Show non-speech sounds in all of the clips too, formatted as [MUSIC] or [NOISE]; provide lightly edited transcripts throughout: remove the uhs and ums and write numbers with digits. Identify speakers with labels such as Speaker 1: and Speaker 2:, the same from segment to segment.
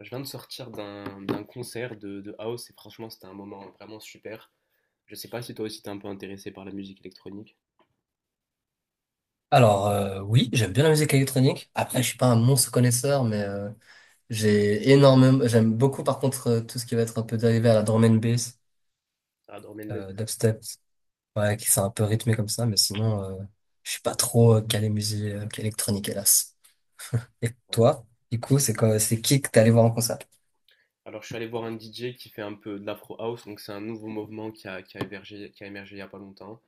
Speaker 1: Je viens de sortir d'un concert de house et franchement c'était un moment vraiment super. Je sais pas si toi aussi t'es un peu intéressé par la musique électronique.
Speaker 2: Alors oui, j'aime bien la musique électronique. Après, je suis pas un monstre connaisseur, mais j'ai énormément, j'aime beaucoup par contre, tout ce qui va être un peu dérivé à la drum and bass,
Speaker 1: Ah, Drum and
Speaker 2: dubstep, ouais, qui sont un peu rythmé comme ça, mais sinon, je suis pas trop calé musique électronique, hélas. Et toi, du coup, c'est quoi, c'est qui que t'es allé voir en concert?
Speaker 1: Alors, je suis allé voir un DJ qui fait un peu de l'afro house, donc c'est un nouveau mouvement qui a émergé il n'y a pas longtemps.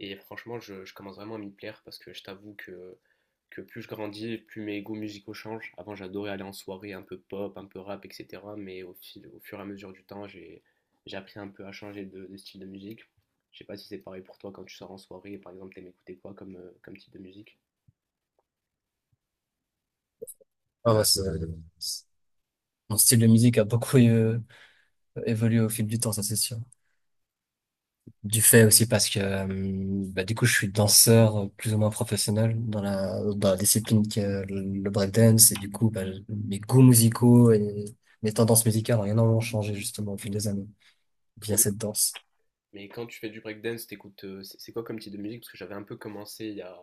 Speaker 1: Et franchement, je commence vraiment à m'y plaire parce que je t'avoue que plus je grandis, plus mes goûts musicaux changent. Avant, j'adorais aller en soirée un peu pop, un peu rap, etc. Mais au fur et à mesure du temps, j'ai appris un peu à changer de style de musique. Je sais pas si c'est pareil pour toi quand tu sors en soirée, par exemple, t'aimes écouter quoi comme, comme type de musique?
Speaker 2: Ah ouais, c'est- Mon style de musique a beaucoup évolué au fil du temps, ça c'est sûr. Du fait aussi parce que bah, du coup je suis danseur plus ou moins professionnel dans la discipline qui est le breakdance et du coup bah, mes goûts musicaux et mes tendances musicales ont énormément changé justement au fil des années via cette danse.
Speaker 1: Mais quand tu fais du breakdance, t'écoutes, c'est quoi comme type de musique? Parce que j'avais un peu commencé il y a...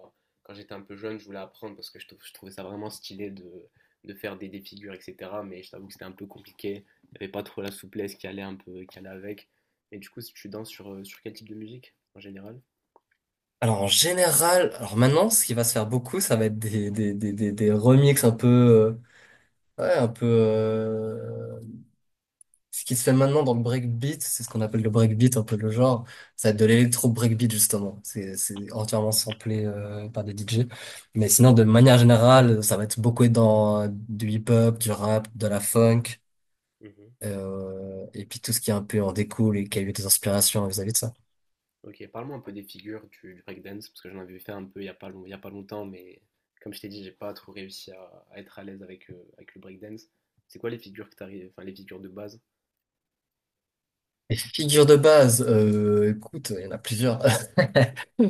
Speaker 1: quand j'étais un peu jeune, je voulais apprendre parce que je trouvais ça vraiment stylé de faire des figures, etc. Mais je t'avoue que c'était un peu compliqué. Il n'y avait pas trop la souplesse qui allait avec. Et du coup, si tu danses sur, sur quel type de musique en général?
Speaker 2: Alors en général, alors maintenant ce qui va se faire beaucoup ça va être des remixes un peu, ouais, un peu, ce qui se fait maintenant dans le breakbeat, c'est ce qu'on appelle le breakbeat, un peu le genre. Ça va être de l'électro breakbeat, justement. C'est entièrement samplé par des DJ. Mais sinon, de manière générale, ça va être beaucoup dans du hip-hop, du rap, de la funk,
Speaker 1: Mhm.
Speaker 2: et puis tout ce qui est un peu en découle et qui a eu des inspirations vis-à-vis de ça.
Speaker 1: Ok, parle-moi un peu des figures du breakdance parce que j'en avais fait un peu il y a pas longtemps, mais comme je t'ai dit, j'ai pas trop réussi à être à l'aise avec, avec le breakdance. C'est quoi les figures que t'arrives, enfin les figures de base?
Speaker 2: Les figures de base, écoute, il y en a plusieurs.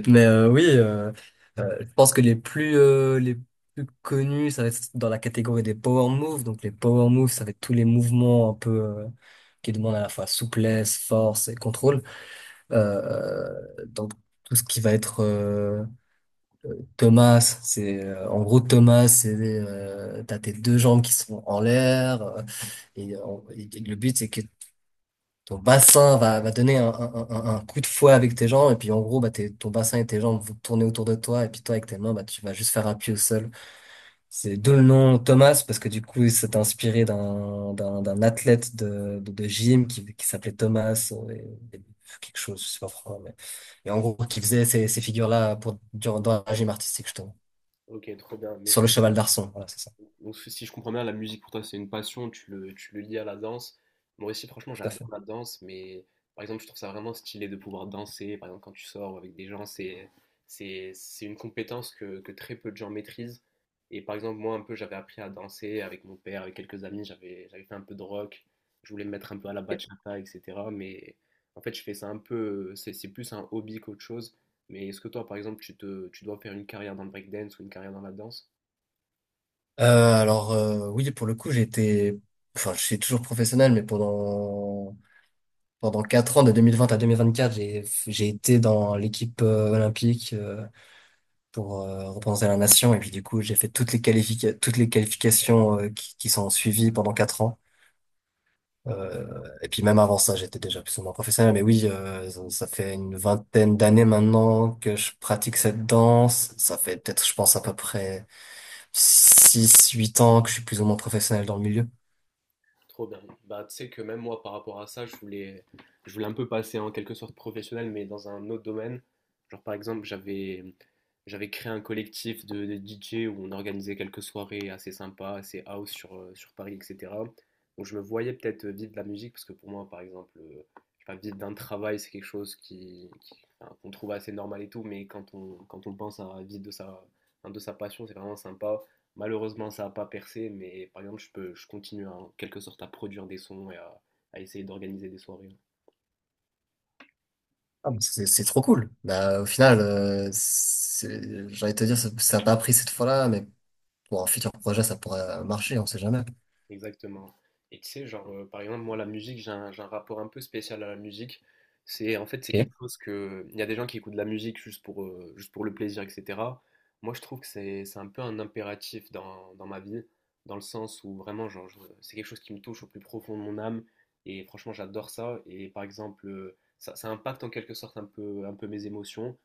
Speaker 2: Mais oui, je pense que les plus, les plus connus, ça va être dans la catégorie des power moves. Donc les power moves, ça va être tous les mouvements un peu, qui demandent à la fois souplesse, force et contrôle. Euh, donc tout ce qui va être Thomas, c'est en gros Thomas, c'est t'as tes deux jambes qui sont en l'air et, euh, et le but c'est que ton bassin va, va donner un coup de fouet avec tes jambes, et puis en gros, bah, ton bassin et tes jambes vont tourner autour de toi, et puis toi, avec tes mains, bah, tu vas juste faire appui au sol. C'est d'où le nom Thomas, parce que du coup, c'est inspiré d'un athlète de gym qui s'appelait Thomas, et quelque chose, je sais pas pourquoi, mais, et en gros, qui faisait ces figures-là pour, durant, dans la gym artistique, justement.
Speaker 1: Ok, trop bien. Mais
Speaker 2: Sur
Speaker 1: genre.
Speaker 2: le cheval d'Arçon, voilà, c'est ça.
Speaker 1: Donc si si je comprends bien, la musique pour toi c'est une passion, tu le lies à la danse. Moi aussi franchement
Speaker 2: Tout à
Speaker 1: j'adore
Speaker 2: fait.
Speaker 1: la danse, mais par exemple je trouve ça vraiment stylé de pouvoir danser, par exemple quand tu sors avec des gens, c'est une compétence que très peu de gens maîtrisent. Et par exemple moi un peu j'avais appris à danser avec mon père, avec quelques amis, j'avais fait un peu de rock, je voulais me mettre un peu à la bachata, etc. Mais en fait je fais ça un peu, c'est plus un hobby qu'autre chose. Mais est-ce que toi par exemple tu dois faire une carrière dans le breakdance ou une carrière dans la danse?
Speaker 2: Euh, alors, oui, pour le coup, enfin, je suis toujours professionnel, mais pendant 4 ans, de 2020 à 2024, j'ai été dans l'équipe olympique pour représenter la nation. Et puis du coup, j'ai fait toutes les toutes les qualifications qui sont suivies pendant 4 ans. Et puis même avant ça, j'étais déjà plus ou moins professionnel. Mais oui, ça fait une vingtaine d'années maintenant que je pratique cette danse. Ça fait peut-être, je pense, à peu près 6-8 ans que je suis plus ou moins professionnel dans le milieu.
Speaker 1: Trop bien. Bah, tu sais que même moi, par rapport à ça, je voulais un peu passer en quelque sorte professionnel, mais dans un autre domaine. Genre, par exemple, j'avais créé un collectif de DJ où on organisait quelques soirées assez sympas, assez house sur, sur Paris, etc. Donc, je me voyais peut-être vivre de la musique, parce que pour moi, par exemple, je sais pas, vivre d'un travail, c'est quelque chose enfin, qu'on trouve assez normal et tout, mais quand on pense à vivre enfin, de sa passion, c'est vraiment sympa. Malheureusement, ça n'a pas percé, mais par exemple, je continue en quelque sorte à produire des sons et à essayer d'organiser des soirées.
Speaker 2: Ah, mais c'est trop cool. Bah, au final, j'ai envie de te dire, ça a pas pris cette fois-là, mais pour un futur projet, ça pourrait marcher, on sait jamais.
Speaker 1: Exactement. Et tu sais, genre, par exemple, moi, la musique, j'ai un rapport un peu spécial à la musique. En fait, c'est
Speaker 2: Ok.
Speaker 1: quelque chose que... Il y a des gens qui écoutent de la musique juste pour le plaisir, etc. Moi, je trouve que c'est un peu un impératif dans ma vie, dans le sens où vraiment, genre, c'est quelque chose qui me touche au plus profond de mon âme. Et franchement, j'adore ça. Et par exemple, ça impacte en quelque sorte un peu mes émotions.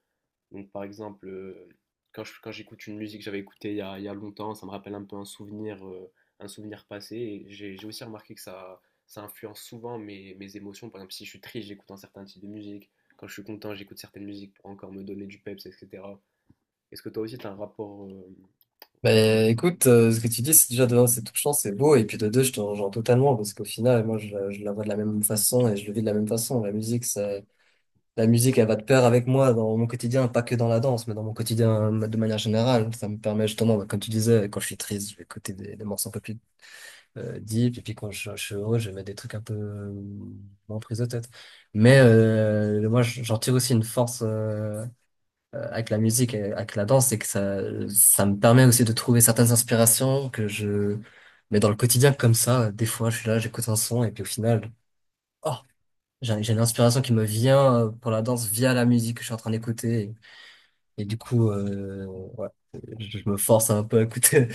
Speaker 1: Donc, par exemple, quand j'écoute une musique que j'avais écoutée il y a longtemps, ça me rappelle un peu un souvenir passé. Et j'ai aussi remarqué que ça influence souvent mes émotions. Par exemple, si je suis triste, j'écoute un certain type de musique. Quand je suis content, j'écoute certaines musiques pour encore me donner du peps, etc. Est-ce que toi aussi, tu as un rapport.
Speaker 2: Bah, écoute, ce que tu dis, c'est déjà de un, c'est touchant, c'est beau, et puis de deux, je te rejoins totalement, parce qu'au final, moi, je la vois de la même façon et je le vis de la même façon. La musique, ça, la musique, elle va de pair avec moi dans mon quotidien, pas que dans la danse, mais dans mon quotidien de manière générale. Ça me permet justement, bah, comme tu disais, quand je suis triste, je vais écouter des morceaux un peu plus deep, et puis quand je suis heureux, je mets des trucs un peu moins prise de tête. Mais moi, j'en tire aussi une force avec la musique et avec la danse, c'est que ça me permet aussi de trouver certaines inspirations que je mets dans le quotidien comme ça. Des fois, je suis là, j'écoute un son, et puis au final, oh, j'ai une inspiration qui me vient pour la danse via la musique que je suis en train d'écouter. Et du coup, ouais, je me force un peu à écouter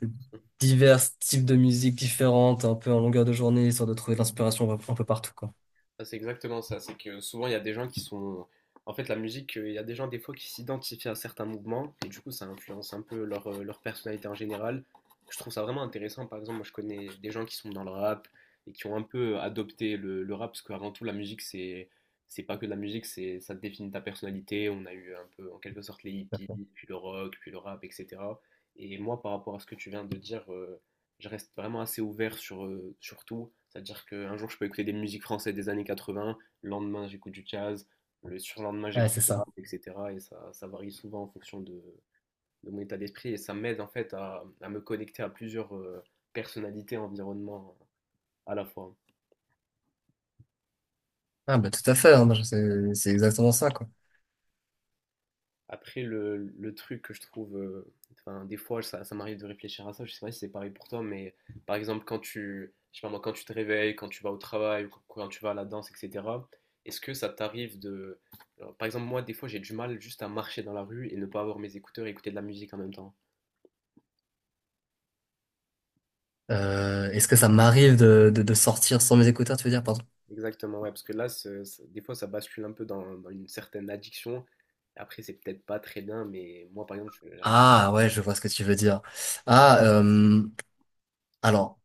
Speaker 2: [LAUGHS] divers types de musique différentes, un peu en longueur de journée, histoire de trouver de l'inspiration un peu partout, quoi.
Speaker 1: Ah, c'est exactement ça. C'est que souvent, il y a des gens qui sont. En fait, la musique, il y a des gens, des fois, qui s'identifient à certains mouvements. Et du coup, ça influence un peu leur, leur personnalité en général. Je trouve ça vraiment intéressant. Par exemple, moi, je connais des gens qui sont dans le rap et qui ont un peu adopté le rap. Parce qu'avant tout, la musique, c'est. C'est pas que de la musique, c'est ça définit ta personnalité. On a eu un peu, en quelque sorte, les hippies, puis le rock, puis le rap, etc. Et moi, par rapport à ce que tu viens de dire. Je reste vraiment assez ouvert sur, sur tout. C'est-à-dire qu'un jour, je peux écouter des musiques françaises des années 80, le lendemain, j'écoute du jazz, le surlendemain,
Speaker 2: Ouais,
Speaker 1: j'écoute
Speaker 2: c'est
Speaker 1: du rap,
Speaker 2: ça.
Speaker 1: etc. Et ça varie souvent en fonction de mon état d'esprit. Et ça m'aide en fait à me connecter à plusieurs personnalités, environnements à la fois.
Speaker 2: Ah, bah, tout à fait, hein, moi, c'est exactement ça, quoi.
Speaker 1: Après, le truc que je trouve, enfin, des fois, ça m'arrive de réfléchir à ça. Je sais pas si c'est pareil pour toi, mais par exemple, quand tu, je sais pas moi, quand tu te réveilles, quand tu vas au travail, ou quand tu vas à la danse, etc., est-ce que ça t'arrive de. Alors, par exemple, moi, des fois, j'ai du mal juste à marcher dans la rue et ne pas avoir mes écouteurs et écouter de la musique en même temps.
Speaker 2: Est-ce que ça m'arrive de sortir sans mes écouteurs, tu veux dire, pardon?
Speaker 1: Exactement, ouais, parce que là, des fois, ça bascule un peu dans une certaine addiction. Après, c'est peut-être pas très bien, mais moi, par exemple, j'arrive.
Speaker 2: Ah, ouais, je vois ce que tu veux dire. Ah, euh, alors.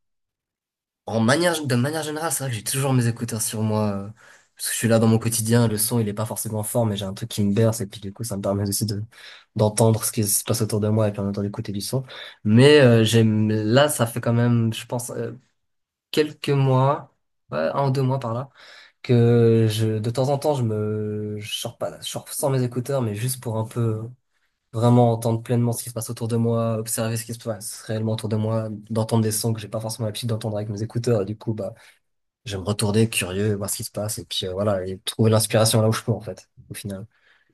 Speaker 2: De manière générale, c'est vrai que j'ai toujours mes écouteurs sur moi. Parce que je suis là dans mon quotidien, le son il est pas forcément fort, mais j'ai un truc qui me berce et puis du coup ça me permet aussi de d'entendre ce qui se passe autour de moi et puis en même temps d'écouter du son. Mais j'aime là ça fait quand même, je pense, quelques mois, ouais, 1 ou 2 mois par là, que je de temps en temps je sors pas, je sors sans mes écouteurs, mais juste pour un peu vraiment entendre pleinement ce qui se passe autour de moi, observer ce qui se passe réellement autour de moi, d'entendre des sons que j'ai pas forcément l'habitude d'entendre avec mes écouteurs. Et du coup bah j'aime retourner curieux, voir ce qui se passe, et puis, voilà, et trouver l'inspiration là où je peux, en fait, au final.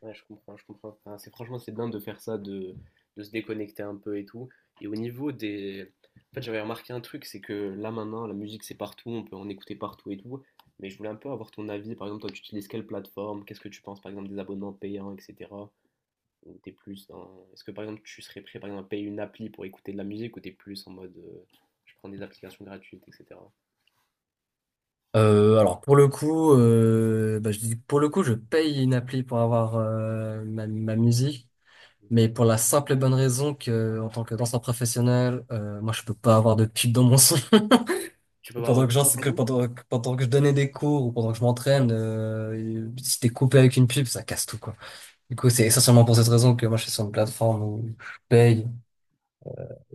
Speaker 1: Ouais, je comprends, je comprends. Enfin, c'est franchement, c'est bien de faire ça, de se déconnecter un peu et tout. Et au niveau des... En fait, j'avais remarqué un truc, c'est que là maintenant, la musique, c'est partout, on peut en écouter partout et tout. Mais je voulais un peu avoir ton avis. Par exemple, toi, tu utilises quelle plateforme? Qu'est-ce que tu penses, par exemple, des abonnements payants, etc. Ou t'es plus dans... Est-ce que, par exemple, tu serais prêt, par exemple, à payer une appli pour écouter de la musique ou t'es plus en mode, je prends des applications gratuites, etc.
Speaker 2: Alors, pour le coup, bah, je dis, pour le coup, je paye une appli pour avoir ma musique, mais pour la simple et bonne raison que, en tant que danseur professionnel, moi, je peux pas avoir de pub dans mon son. [LAUGHS]
Speaker 1: Tu peux pas avoir.
Speaker 2: Pendant que, genre, c'est que pendant, que pendant que je donnais des cours ou pendant que je m'entraîne, si t'es coupé avec une pub, ça casse tout, quoi. Du coup, c'est essentiellement pour cette raison que moi, je suis sur une plateforme où je paye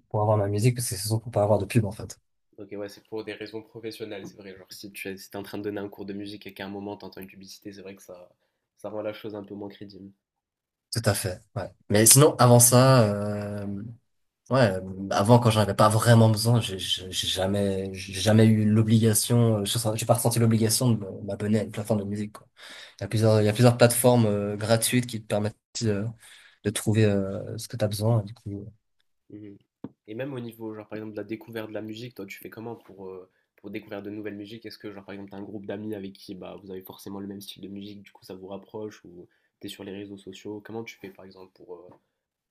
Speaker 2: pour avoir ma musique, parce que c'est surtout pour pas avoir de pub, en fait.
Speaker 1: Ok, ouais, c'est pour des raisons professionnelles, c'est vrai. Genre, si tu es, si t'es en train de donner un cours de musique et qu'à un moment t'entends une publicité, c'est vrai que ça rend la chose un peu moins crédible.
Speaker 2: Tout à fait, ouais. Mais sinon, avant ça, ouais, avant quand j'en avais pas vraiment besoin, j'ai jamais eu l'obligation, j'ai pas ressenti l'obligation de m'abonner à une plateforme de musique, quoi. Il y a plusieurs plateformes gratuites qui te permettent de, de trouver ce que tu as besoin. Du coup.
Speaker 1: Mhm. Et même au niveau, genre, par exemple, de la découverte de la musique, toi, tu fais comment pour découvrir de nouvelles musiques? Est-ce que, genre, par exemple, t'as un groupe d'amis avec qui, bah, vous avez forcément le même style de musique, du coup, ça vous rapproche, ou t'es sur les réseaux sociaux? Comment tu fais, par exemple, pour,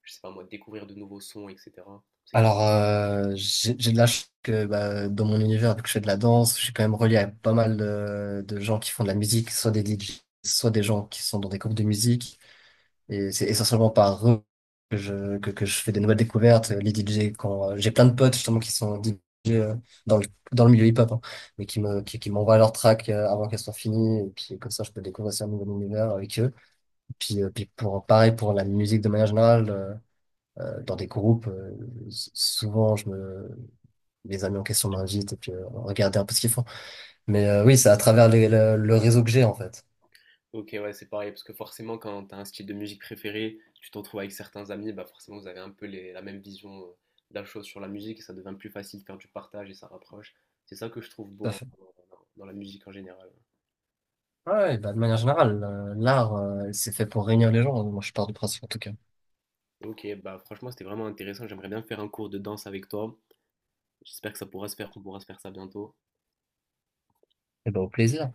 Speaker 1: je sais pas moi, découvrir de nouveaux sons, etc. C'est.
Speaker 2: Alors, j'ai de la chance que bah, dans mon univers, vu que je fais de la danse, je suis quand même relié à pas mal de gens qui font de la musique, soit des DJ, soit des gens qui sont dans des groupes de musique. Et c'est essentiellement par eux que je fais des nouvelles découvertes. Les DJ, quand j'ai plein de potes justement qui sont DJ euh, dans dans le milieu hip-hop, hein, mais qui m'envoient leurs tracks avant qu'elles soient finies. Et puis comme ça, je peux découvrir aussi un nouvel univers avec eux. Puis, pareil pour la musique de manière générale, dans des groupes, souvent les amis en question m'invitent et puis regarder un peu ce qu'ils font. Mais oui, c'est à travers le réseau que j'ai en fait.
Speaker 1: Ok, ouais, c'est pareil, parce que forcément, quand tu as un style de musique préféré, tu t'en trouves avec certains amis, bah forcément, vous avez un peu la même vision de la chose sur la musique, et ça devient plus facile de faire du partage et ça rapproche. C'est ça que je trouve
Speaker 2: Tout
Speaker 1: beau
Speaker 2: à
Speaker 1: hein,
Speaker 2: fait.
Speaker 1: dans la musique en général.
Speaker 2: Ouais, ouais, bah, de manière générale, l'art, c'est fait pour réunir les gens. Moi, je pars du principe, en tout cas.
Speaker 1: Ok, bah franchement, c'était vraiment intéressant. J'aimerais bien faire un cours de danse avec toi. J'espère que ça pourra se faire, qu'on pourra se faire ça bientôt.
Speaker 2: Et bah, au plaisir.